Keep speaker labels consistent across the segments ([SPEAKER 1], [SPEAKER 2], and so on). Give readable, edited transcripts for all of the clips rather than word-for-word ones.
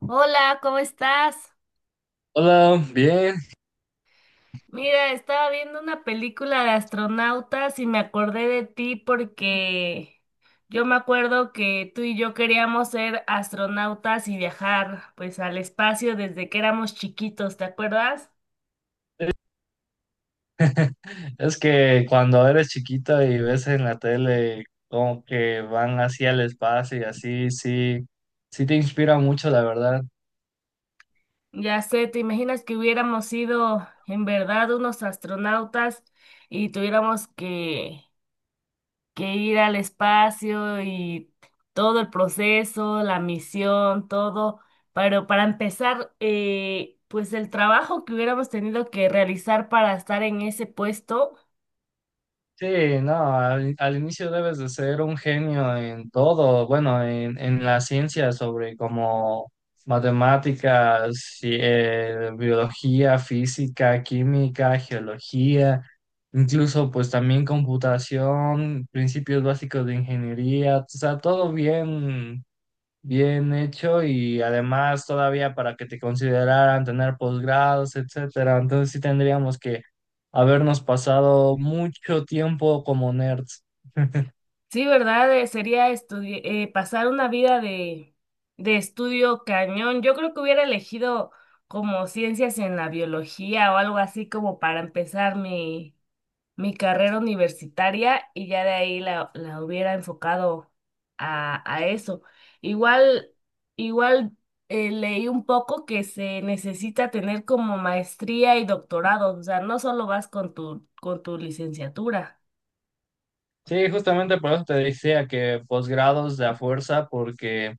[SPEAKER 1] Hola, ¿cómo estás?
[SPEAKER 2] Hola, bien.
[SPEAKER 1] Mira, estaba viendo una película de astronautas y me acordé de ti porque yo me acuerdo que tú y yo queríamos ser astronautas y viajar pues al espacio desde que éramos chiquitos, ¿te acuerdas?
[SPEAKER 2] Es que cuando eres chiquito y ves en la tele como que van así al espacio y así, sí, sí te inspira mucho, la verdad.
[SPEAKER 1] Ya sé, ¿te imaginas que hubiéramos sido en verdad unos astronautas y tuviéramos que ir al espacio y todo el proceso, la misión, todo. Pero para empezar, pues el trabajo que hubiéramos tenido que realizar para estar en ese puesto,
[SPEAKER 2] Sí, no, al inicio debes de ser un genio en todo, bueno, en la ciencia sobre como matemáticas, biología, física, química, geología, incluso pues también computación, principios básicos de ingeniería, o sea, todo bien bien hecho. Y además todavía para que te consideraran tener posgrados, etcétera. Entonces sí tendríamos que habernos pasado mucho tiempo como nerds.
[SPEAKER 1] sí, ¿verdad? Sería pasar una vida de estudio cañón. Yo creo que hubiera elegido como ciencias en la biología o algo así como para empezar mi carrera universitaria y ya de ahí la hubiera enfocado a eso. Igual, igual, leí un poco que se necesita tener como maestría y doctorado, o sea, no solo vas con con tu licenciatura.
[SPEAKER 2] Sí, justamente por eso te decía que posgrados de a fuerza, porque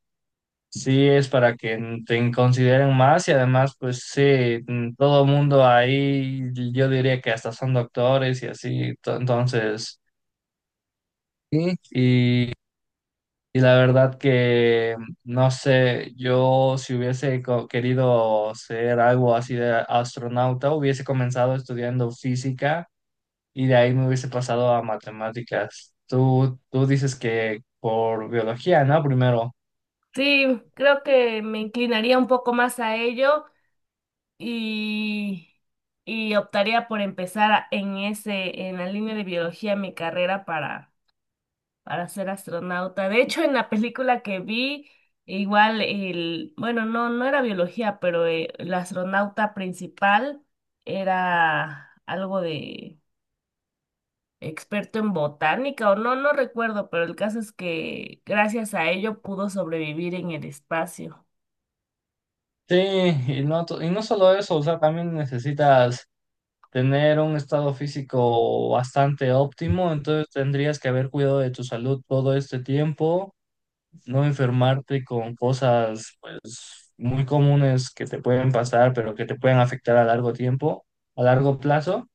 [SPEAKER 2] sí es para que te consideren más. Y además pues sí, todo mundo ahí yo diría que hasta son doctores y así. Entonces, sí, y la verdad que, no sé, yo si querido ser algo así de astronauta, hubiese comenzado estudiando física y de ahí me hubiese pasado a matemáticas. Tú dices que por biología, ¿no? Primero.
[SPEAKER 1] Sí, creo que me inclinaría un poco más a ello y, y optaría por en en la línea de biología mi carrera para ser astronauta. De hecho, en la película que vi, igual el, bueno, no era biología, pero el astronauta principal era algo de experto en botánica o no recuerdo, pero el caso es que gracias a ello pudo sobrevivir en el espacio.
[SPEAKER 2] Sí, y no, y no solo eso, o sea, también necesitas tener un estado físico bastante óptimo. Entonces tendrías que haber cuidado de tu salud todo este tiempo, no enfermarte con cosas muy comunes que te pueden pasar, pero que te pueden afectar a largo tiempo, a largo plazo.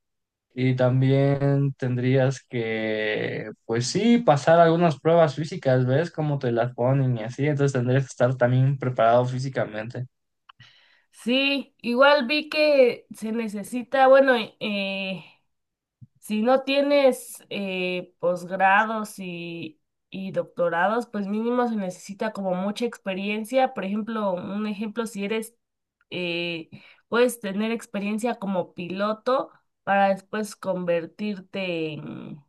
[SPEAKER 2] Y también tendrías que, pues sí, pasar algunas pruebas físicas, ¿ves? Cómo te las ponen y así. Entonces tendrías que estar también preparado físicamente.
[SPEAKER 1] Sí, igual vi que se necesita, bueno, eh, si no tienes posgrados y doctorados, pues mínimo se necesita como mucha experiencia. Por ejemplo, un ejemplo, si eres, eh, puedes tener experiencia como piloto para después convertirte en,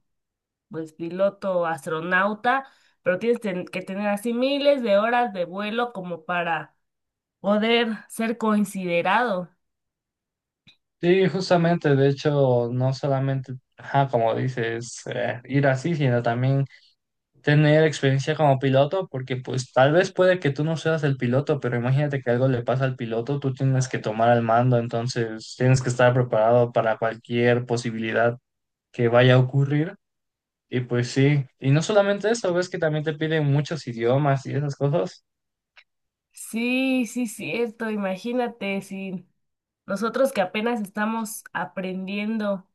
[SPEAKER 1] pues, piloto astronauta, pero que tener así miles de horas de vuelo como para poder ser considerado.
[SPEAKER 2] Sí, justamente, de hecho, no solamente, ajá, como dices, ir así, sino también tener experiencia como piloto, porque pues tal vez puede que tú no seas el piloto, pero imagínate que algo le pasa al piloto, tú tienes que tomar el mando. Entonces tienes que estar preparado para cualquier posibilidad que vaya a ocurrir. Y pues sí, y no solamente eso, ves que también te piden muchos idiomas y esas cosas.
[SPEAKER 1] Sí, sí, cierto. Imagínate si nosotros que apenas estamos aprendiendo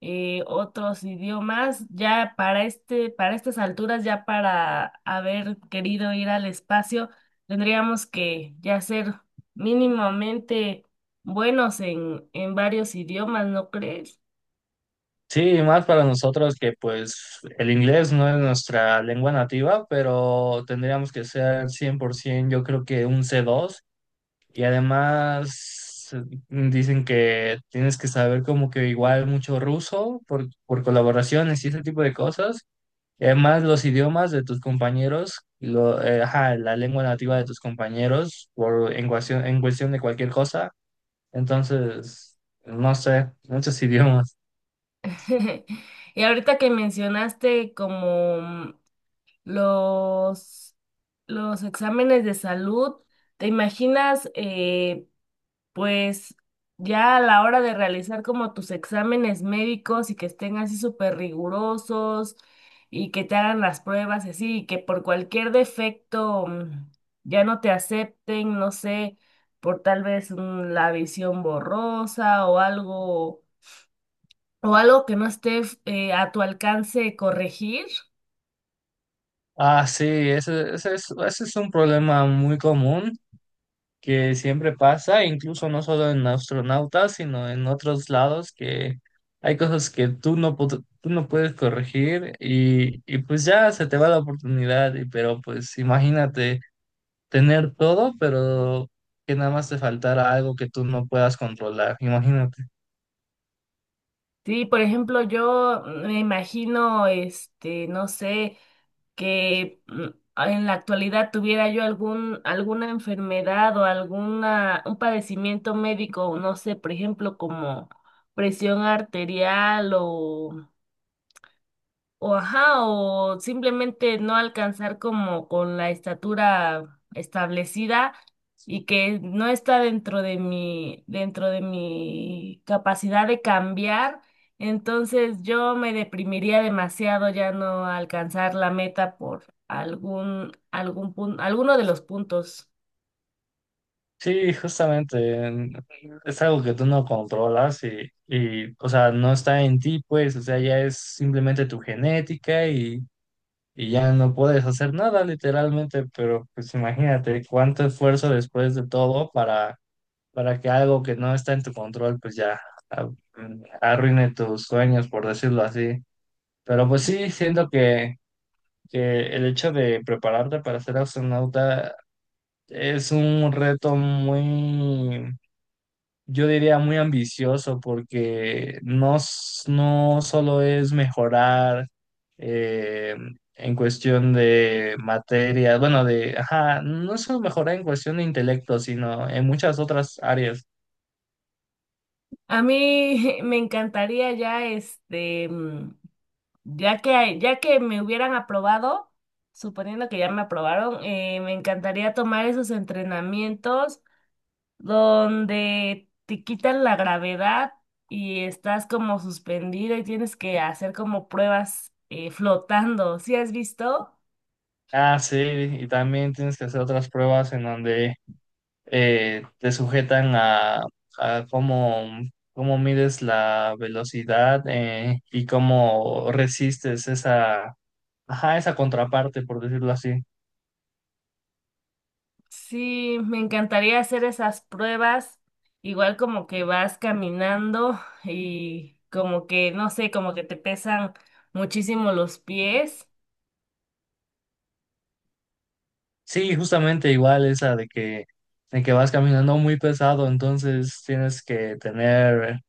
[SPEAKER 1] otros idiomas, ya para para estas alturas, ya para haber querido ir al espacio, tendríamos que ya ser mínimamente buenos en varios idiomas, ¿no crees?
[SPEAKER 2] Sí, y más para nosotros que pues el inglés no es nuestra lengua nativa, pero tendríamos que ser 100%, yo creo que un c dos. Y además dicen que tienes que saber como que igual mucho ruso por colaboraciones y ese tipo de cosas. Y además los idiomas de tus compañeros, ajá, la lengua nativa de tus compañeros por, en cuestión de cualquier cosa. Entonces, no sé, muchos idiomas.
[SPEAKER 1] Y ahorita que mencionaste como Los, los exámenes de salud, ¿te imaginas, pues ya a la hora de realizar como tus exámenes médicos y que estén así súper rigurosos y que te hagan las pruebas y así, y que por cualquier defecto ya no te acepten, no sé, por tal vez la visión borrosa o algo que no esté a tu alcance corregir?
[SPEAKER 2] Ah, sí, ese es un problema muy común que siempre pasa, incluso no solo en astronautas, sino en otros lados, que hay cosas que tú no puedes corregir y pues ya se te va la oportunidad. Y pero pues imagínate tener todo, pero que nada más te faltara algo que tú no puedas controlar, imagínate.
[SPEAKER 1] Sí, por ejemplo, yo me imagino, este, no sé, que mm, en la actualidad tuviera yo alguna enfermedad o alguna, un padecimiento médico, no sé, por ejemplo, como presión arterial o ajá, o simplemente no alcanzar como con la estatura establecida y que no está dentro de dentro de mi capacidad de cambiar, entonces yo me deprimiría demasiado ya no alcanzar la meta por algún punto, alguno de los puntos.
[SPEAKER 2] Sí, justamente, es algo que tú no controlas y, o sea, no está en ti, pues, o sea, ya es simplemente tu genética y ya no puedes hacer nada literalmente. Pero pues imagínate cuánto esfuerzo después de todo para que algo que no está en tu control pues ya a- arruine tus sueños, por decirlo así. Pero pues sí, siento que el hecho de prepararte para ser astronauta es un reto muy, yo diría muy ambicioso, porque no, no solo es mejorar eh, en cuestión de materia, bueno, de, ajá, no es solo mejorar en cuestión de intelecto, sino en muchas otras áreas.
[SPEAKER 1] A mí me encantaría ya este ya ya que me hubieran aprobado, suponiendo que ya me aprobaron, me encantaría tomar esos entrenamientos donde te quitan la gravedad y estás como suspendido y tienes que hacer como pruebas flotando. ¿Sí has visto?
[SPEAKER 2] Ah, sí, y también tienes que hacer otras pruebas en donde te sujetan a cómo, cómo mides la velocidad y cómo resistes esa, ajá, esa contraparte, por decirlo así.
[SPEAKER 1] Sí, me encantaría hacer esas pruebas, igual como que vas caminando y como que, no sé, como que te pesan muchísimo los pies.
[SPEAKER 2] Sí, justamente igual esa de que vas caminando muy pesado. Entonces tienes que tener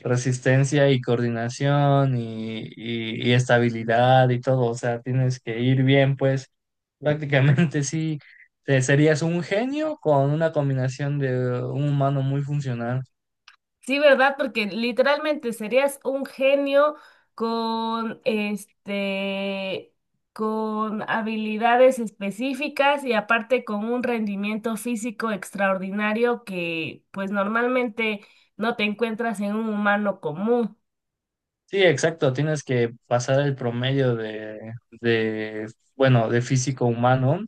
[SPEAKER 2] resistencia y coordinación y, y estabilidad y todo, o sea, tienes que ir bien, pues prácticamente sí, serías un genio con una combinación de un humano muy funcional.
[SPEAKER 1] Sí, ¿verdad? Porque literalmente serías un genio con este, con habilidades específicas y aparte con un rendimiento físico extraordinario que pues normalmente no te encuentras en un humano común.
[SPEAKER 2] Sí, exacto, tienes que pasar el promedio de, bueno, de físico humano.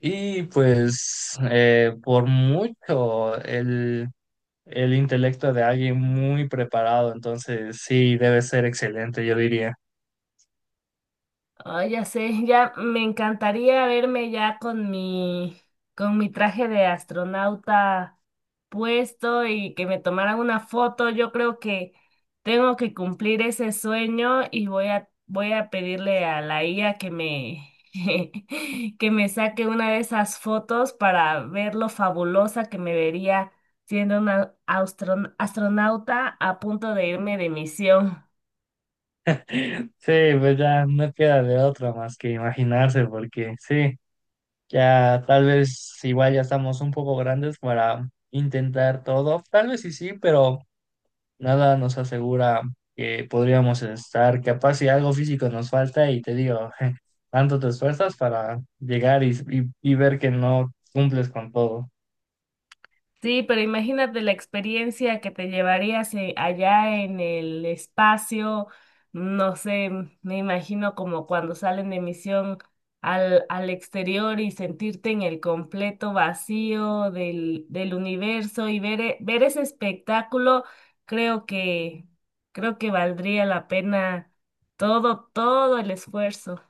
[SPEAKER 2] Y pues por mucho el intelecto de alguien muy preparado. Entonces sí, debe ser excelente, yo diría.
[SPEAKER 1] Ay, ya sé, ya me encantaría verme ya con con mi traje de astronauta puesto y que me tomaran una foto. Yo creo que tengo que cumplir ese sueño y voy a pedirle a la IA que me, que me saque una de esas fotos para ver lo fabulosa que me vería siendo una astronauta a punto de irme de misión.
[SPEAKER 2] Sí, pues ya no queda de otra más que imaginarse, porque sí, ya tal vez igual ya estamos un poco grandes para intentar todo, tal vez sí, sí, pero… nada nos asegura que podríamos estar, capaz si algo físico nos falta. Y te digo, tanto te esfuerzas para llegar y, y ver que no cumples con todo.
[SPEAKER 1] Sí, pero imagínate la experiencia que te llevarías allá en el espacio, no sé, me imagino como cuando salen de misión al exterior y sentirte en el completo vacío del universo y ver ese espectáculo, creo que, creo que valdría la pena todo el esfuerzo.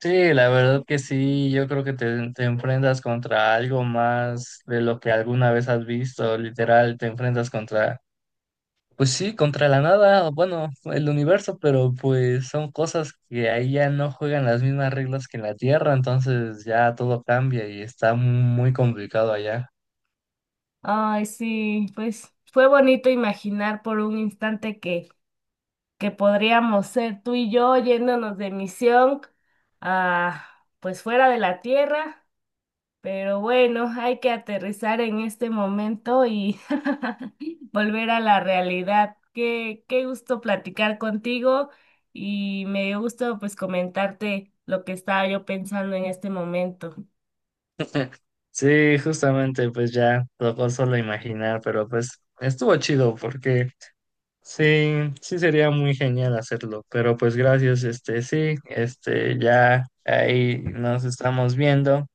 [SPEAKER 2] Sí, la verdad que sí, yo creo que te enfrentas contra algo más de lo que alguna vez has visto, literal, te enfrentas contra, pues sí, contra la nada, bueno, el universo, pero pues son cosas que ahí ya no juegan las mismas reglas que en la Tierra. Entonces ya todo cambia y está muy complicado allá.
[SPEAKER 1] Ay, sí, pues fue bonito imaginar por un instante que podríamos ser tú y yo yéndonos de misión a, pues fuera de la Tierra, pero bueno, hay que aterrizar en este momento y volver a la realidad. Qué gusto platicar contigo y me dio gusto pues comentarte lo que estaba yo pensando en este momento.
[SPEAKER 2] Sí, justamente, pues ya tocó solo imaginar, pero pues estuvo chido porque sí, sí sería muy genial hacerlo. Pero pues gracias, este, sí, este, ya ahí nos estamos viendo.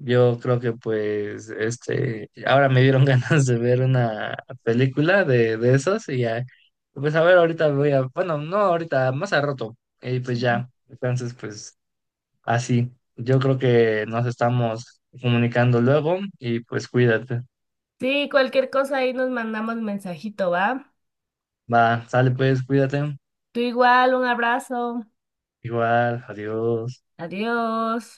[SPEAKER 2] Yo creo que pues, este, ahora me dieron ganas de ver una película de esos y ya, pues a ver, ahorita voy a, bueno, no ahorita, más a rato, y pues ya, entonces pues… así, yo creo que nos estamos comunicando luego y pues cuídate.
[SPEAKER 1] Sí, cualquier cosa ahí nos mandamos mensajito, ¿va?
[SPEAKER 2] Va, sale pues, cuídate.
[SPEAKER 1] Tú igual, un abrazo.
[SPEAKER 2] Igual, adiós.
[SPEAKER 1] Adiós.